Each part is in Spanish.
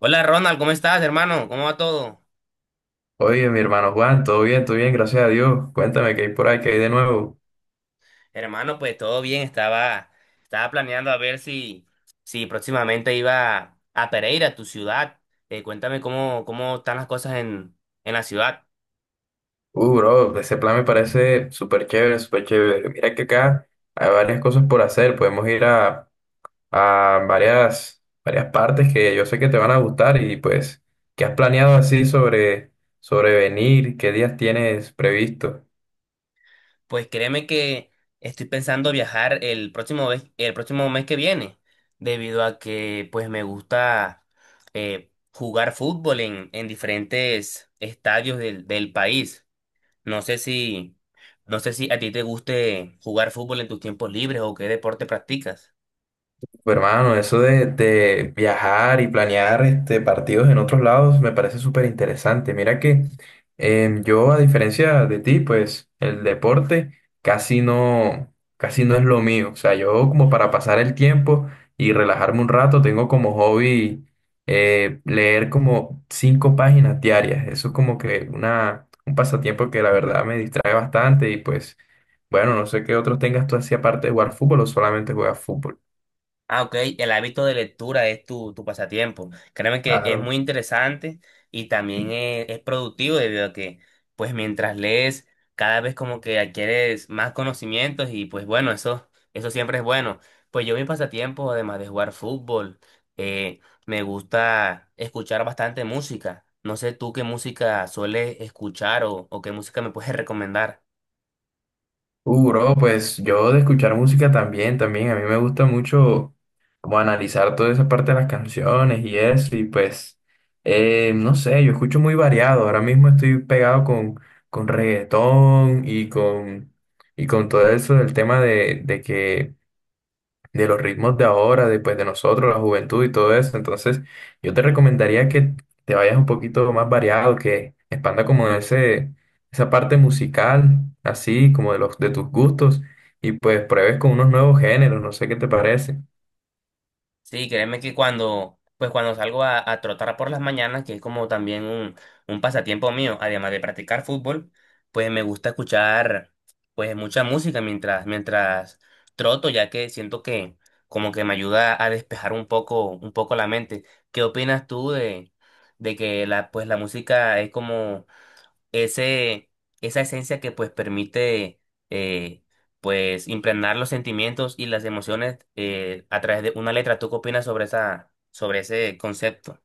Hola Ronald, ¿cómo estás, hermano? ¿Cómo va todo? Oye, mi hermano Juan, todo bien, gracias a Dios. Cuéntame qué hay por ahí, qué hay de nuevo. Hermano, pues todo bien, estaba planeando a ver si próximamente iba a Pereira, tu ciudad. Cuéntame cómo están las cosas en la ciudad. Bro, ese plan me parece súper chévere, súper chévere. Mira que acá hay varias cosas por hacer. Podemos ir a varias, varias partes que yo sé que te van a gustar y pues, ¿qué has planeado así sobre venir? ¿Qué días tienes previsto? Pues créeme que estoy pensando viajar el próximo mes que viene, debido a que pues me gusta jugar fútbol en diferentes estadios del país. No sé no sé si a ti te guste jugar fútbol en tus tiempos libres o qué deporte practicas. Pues, hermano, eso de viajar y planear este, partidos en otros lados me parece súper interesante. Mira que yo, a diferencia de ti, pues el deporte casi no, casi no es lo mío. O sea, yo como para pasar el tiempo y relajarme un rato, tengo como hobby leer como 5 páginas diarias. Eso es como que una, un pasatiempo que la verdad me distrae bastante y pues, bueno, no sé qué otros tengas tú así aparte de jugar fútbol o solamente juegas fútbol. Ah, ok, el hábito de lectura es tu pasatiempo. Créeme que es muy Claro. interesante y también es productivo debido a que, pues mientras lees, cada vez como que adquieres más conocimientos y pues bueno, eso siempre es bueno. Pues yo mi pasatiempo, además de jugar fútbol, eh, me gusta escuchar bastante música. No sé tú qué música sueles escuchar o qué música me puedes recomendar. Bro, pues yo de escuchar música también, también. A mí me gusta mucho como analizar toda esa parte de las canciones y eso. Y pues, no sé, yo escucho muy variado. Ahora mismo estoy pegado con reggaetón y con todo eso del tema de que de los ritmos de ahora, después de nosotros, la juventud y todo eso. Entonces, yo te recomendaría que te vayas un poquito más variado, que expanda como esa parte musical, así como de los de tus gustos, y pues pruebes con unos nuevos géneros, no sé qué te parece. Sí, créeme que pues cuando salgo a trotar por las mañanas, que es como también un pasatiempo mío, además de practicar fútbol, pues me gusta escuchar pues mucha música mientras troto, ya que siento que como que me ayuda a despejar un poco la mente. ¿Qué opinas tú de que pues la música es como ese, esa esencia que pues permite eh, pues impregnar los sentimientos y las emociones, a través de una letra? ¿Tú qué opinas sobre sobre ese concepto?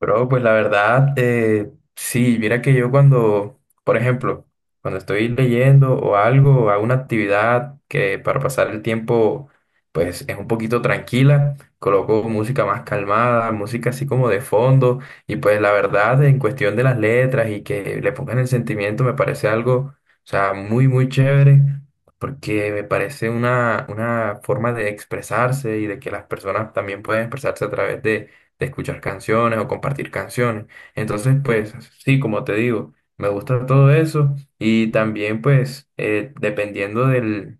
Bro, pues la verdad, sí, mira que yo cuando, por ejemplo, cuando estoy leyendo o algo, o hago una actividad que para pasar el tiempo, pues es un poquito tranquila, coloco música más calmada, música así como de fondo, y pues la verdad, en cuestión de las letras y que le pongan el sentimiento, me parece algo, o sea, muy, muy chévere, porque me parece una forma de expresarse y de que las personas también pueden expresarse a través de escuchar canciones o compartir canciones. Entonces, pues sí, como te digo, me gusta todo eso y también pues dependiendo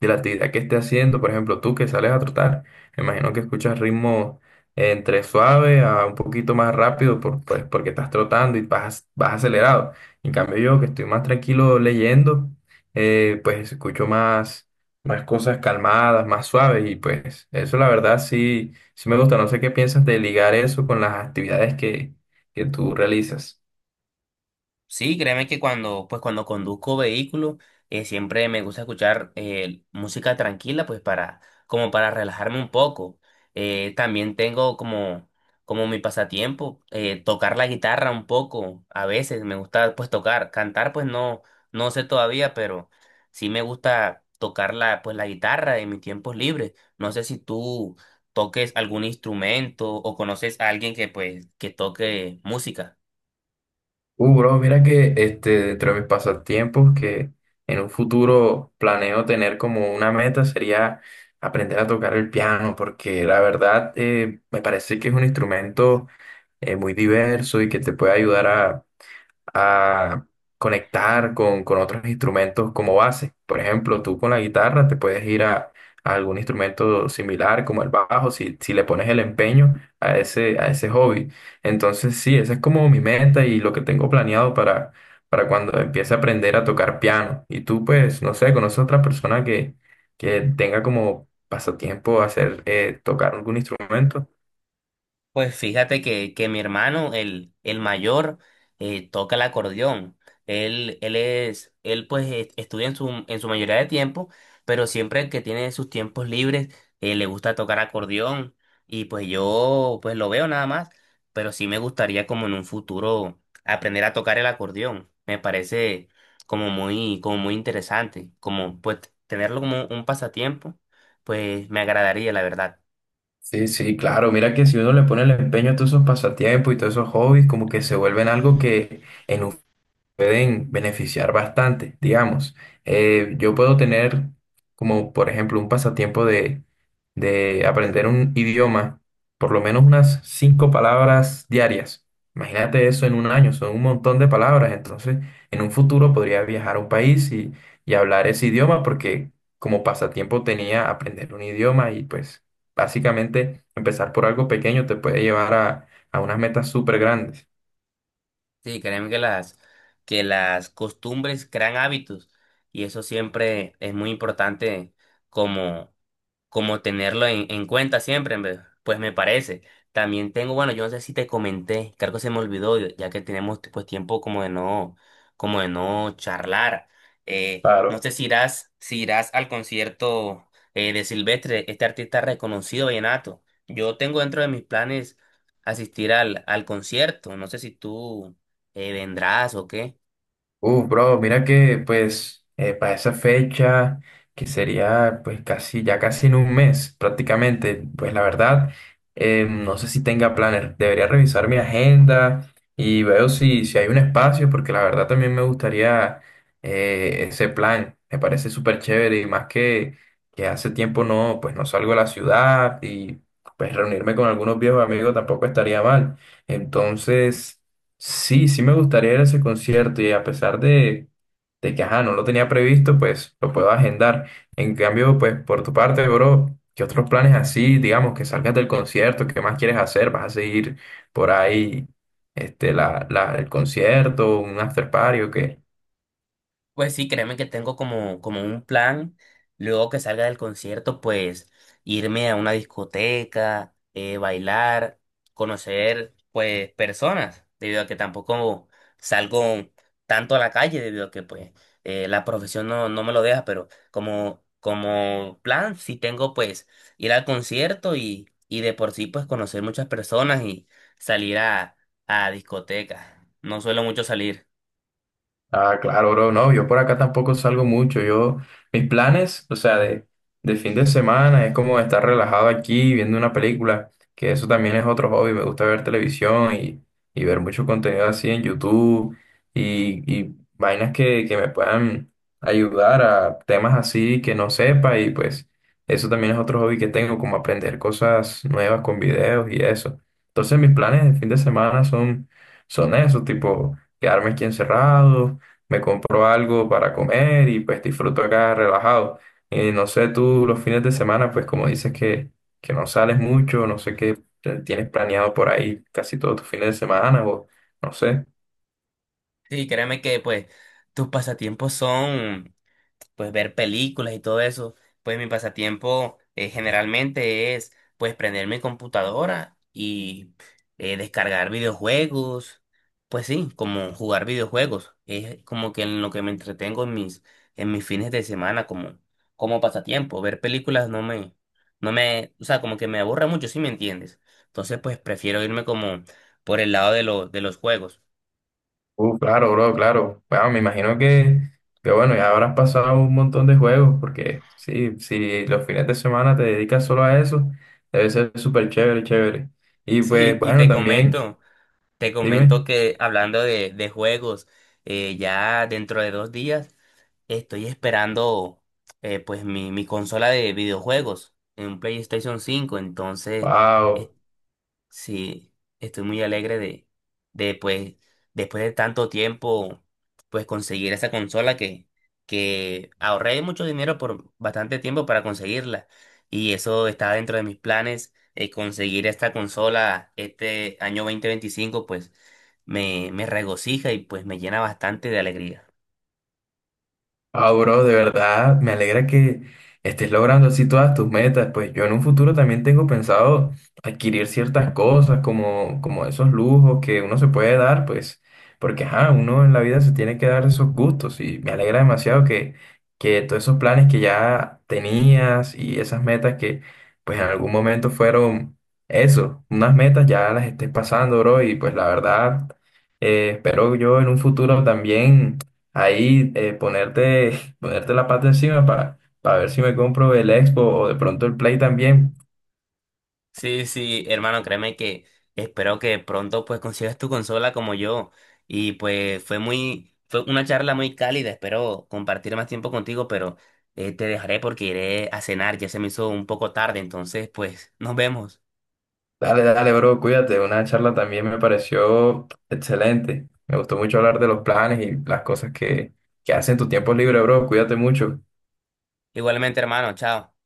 de la actividad que esté haciendo. Por ejemplo, tú que sales a trotar, me imagino que escuchas ritmos entre suave a un poquito más rápido pues, porque estás trotando y vas, vas acelerado. En cambio, yo que estoy más tranquilo leyendo, pues escucho más, más cosas calmadas, más suaves y pues eso la verdad sí, sí me gusta. No sé qué piensas de ligar eso con las actividades que tú realizas. Sí, créeme que pues cuando conduzco vehículo, siempre me gusta escuchar música tranquila, como para relajarme un poco. También tengo como mi pasatiempo, tocar la guitarra un poco. A veces me gusta pues tocar, cantar pues no, no sé todavía, pero sí me gusta tocar pues la guitarra en mis tiempos libres. No sé si tú toques algún instrumento o conoces a alguien que pues que toque música. Bro, mira que este, dentro de mis pasatiempos, que en un futuro planeo tener como una meta sería aprender a tocar el piano, porque la verdad me parece que es un instrumento muy diverso y que te puede ayudar a conectar con otros instrumentos como base. Por ejemplo, tú con la guitarra te puedes ir a algún instrumento similar como el bajo si, si le pones el empeño a ese hobby. Entonces, sí, esa es como mi meta y lo que tengo planeado para cuando empiece a aprender a tocar piano. Y tú, pues, no sé, conoces a otra persona que tenga como pasatiempo hacer, tocar algún instrumento. Pues fíjate que mi hermano, el mayor, toca el acordeón. Él pues estudia en en su mayoría de tiempo, pero siempre que tiene sus tiempos libres, le gusta tocar acordeón. Y pues yo pues lo veo nada más, pero sí me gustaría como en un futuro aprender a tocar el acordeón. Me parece como muy interesante, como pues tenerlo como un pasatiempo, pues me agradaría, la verdad. Sí, sí, claro. Mira que si uno le pone el empeño a todos esos pasatiempos y todos esos hobbies, como que se vuelven algo que en un pueden beneficiar bastante, digamos. Yo puedo tener como, por ejemplo, un pasatiempo de aprender un idioma, por lo menos unas 5 palabras diarias. Imagínate eso en un año, son un montón de palabras. Entonces, en un futuro podría viajar a un país y hablar ese idioma porque como pasatiempo tenía aprender un idioma y pues básicamente empezar por algo pequeño te puede llevar a unas metas súper grandes. Sí, créeme que que las costumbres crean hábitos y eso siempre es muy importante como, como tenerlo en cuenta siempre, en pues me parece. También tengo, bueno, yo no sé si te comenté, creo que se me olvidó, ya que tenemos pues tiempo como de como de no charlar. Eh, no Claro. sé si irás, si irás al concierto de Silvestre, este artista reconocido vallenato. Yo tengo dentro de mis planes asistir al concierto. No sé si tú vendrás o qué. Bro, mira que pues para esa fecha, que sería pues casi, ya casi en 1 mes prácticamente, pues la verdad, no sé si tenga planes, debería revisar mi agenda y veo si, si hay un espacio, porque la verdad también me gustaría ese plan, me parece súper chévere y más que hace tiempo no, pues no salgo a la ciudad y pues reunirme con algunos viejos amigos tampoco estaría mal. Entonces... Sí, sí me gustaría ir a ese concierto y a pesar de que, ajá, no lo tenía previsto, pues lo puedo agendar. En cambio, pues por tu parte, bro, ¿qué otros planes así, digamos, que salgas del concierto, qué más quieres hacer? ¿Vas a seguir por ahí, este, el concierto, un after party o qué? Pues sí, créeme que tengo como un plan, luego que salga del concierto, pues irme a una discoteca, bailar, conocer pues personas, debido a que tampoco salgo tanto a la calle, debido a que pues la profesión no, no me lo deja, pero como plan sí tengo pues ir al concierto y de por sí pues conocer muchas personas y salir a discotecas. No suelo mucho salir. Ah, claro, bro. No, yo por acá tampoco salgo mucho. Yo, mis planes, o sea, de fin de semana es como estar relajado aquí viendo una película, que eso también es otro hobby. Me gusta ver televisión y ver mucho contenido así en YouTube y vainas que me puedan ayudar a temas así que no sepa y pues eso también es otro hobby que tengo, como aprender cosas nuevas con videos y eso. Entonces mis planes de fin de semana son, son eso, tipo quedarme aquí encerrado me compro algo para comer y pues disfruto acá relajado. Y no sé, tú los fines de semana, pues como dices que no sales mucho, no sé qué tienes planeado por ahí casi todos tus fines de semana o no sé. Sí, créeme que pues tus pasatiempos son pues ver películas y todo eso. Pues mi pasatiempo, generalmente es pues prender mi computadora y descargar videojuegos. Pues sí, como jugar videojuegos. Es como que en lo que me entretengo en en mis fines de semana como pasatiempo. Ver películas no me, no me, o sea, como que me aburre mucho, si me entiendes. Entonces pues prefiero irme como por el lado de los juegos. Claro, bro, claro. Bueno, me imagino que bueno, ya habrás pasado un montón de juegos porque sí, si los fines de semana te dedicas solo a eso, debe ser súper chévere, chévere. Y pues Sí, y bueno, te también, comento. Te dime, comento que hablando de juegos, ya dentro de 2 días estoy esperando, pues mi consola de videojuegos en un PlayStation 5, entonces. wow. Sí, estoy muy alegre de pues, después de tanto tiempo, pues conseguir esa consola que ahorré mucho dinero por bastante tiempo para conseguirla. Y eso está dentro de mis planes, conseguir esta consola este año 2025, pues me regocija y pues me llena bastante de alegría. Ah, bro, de verdad, me alegra que estés logrando así todas tus metas. Pues yo en un futuro también tengo pensado adquirir ciertas cosas como, como esos lujos que uno se puede dar, pues, porque ajá, uno en la vida se tiene que dar esos gustos y me alegra demasiado que todos esos planes que ya tenías y esas metas que pues en algún momento fueron eso, unas metas ya las estés pasando, bro, y pues la verdad, espero yo en un futuro también ahí ponerte, ponerte la pata encima para ver si me compro el Expo o de pronto el Play también. Sí, sí, hermano, créeme que espero que pronto pues consigas tu consola como yo. Y pues fue una charla muy cálida, espero compartir más tiempo contigo, pero te dejaré porque iré a cenar, ya se me hizo un poco tarde, entonces pues nos vemos. Dale, dale, bro, cuídate. Una charla también me pareció excelente. Me gustó mucho hablar de los planes y las cosas que hacen en tu tiempo libre, bro. Cuídate mucho. Igualmente, hermano, chao.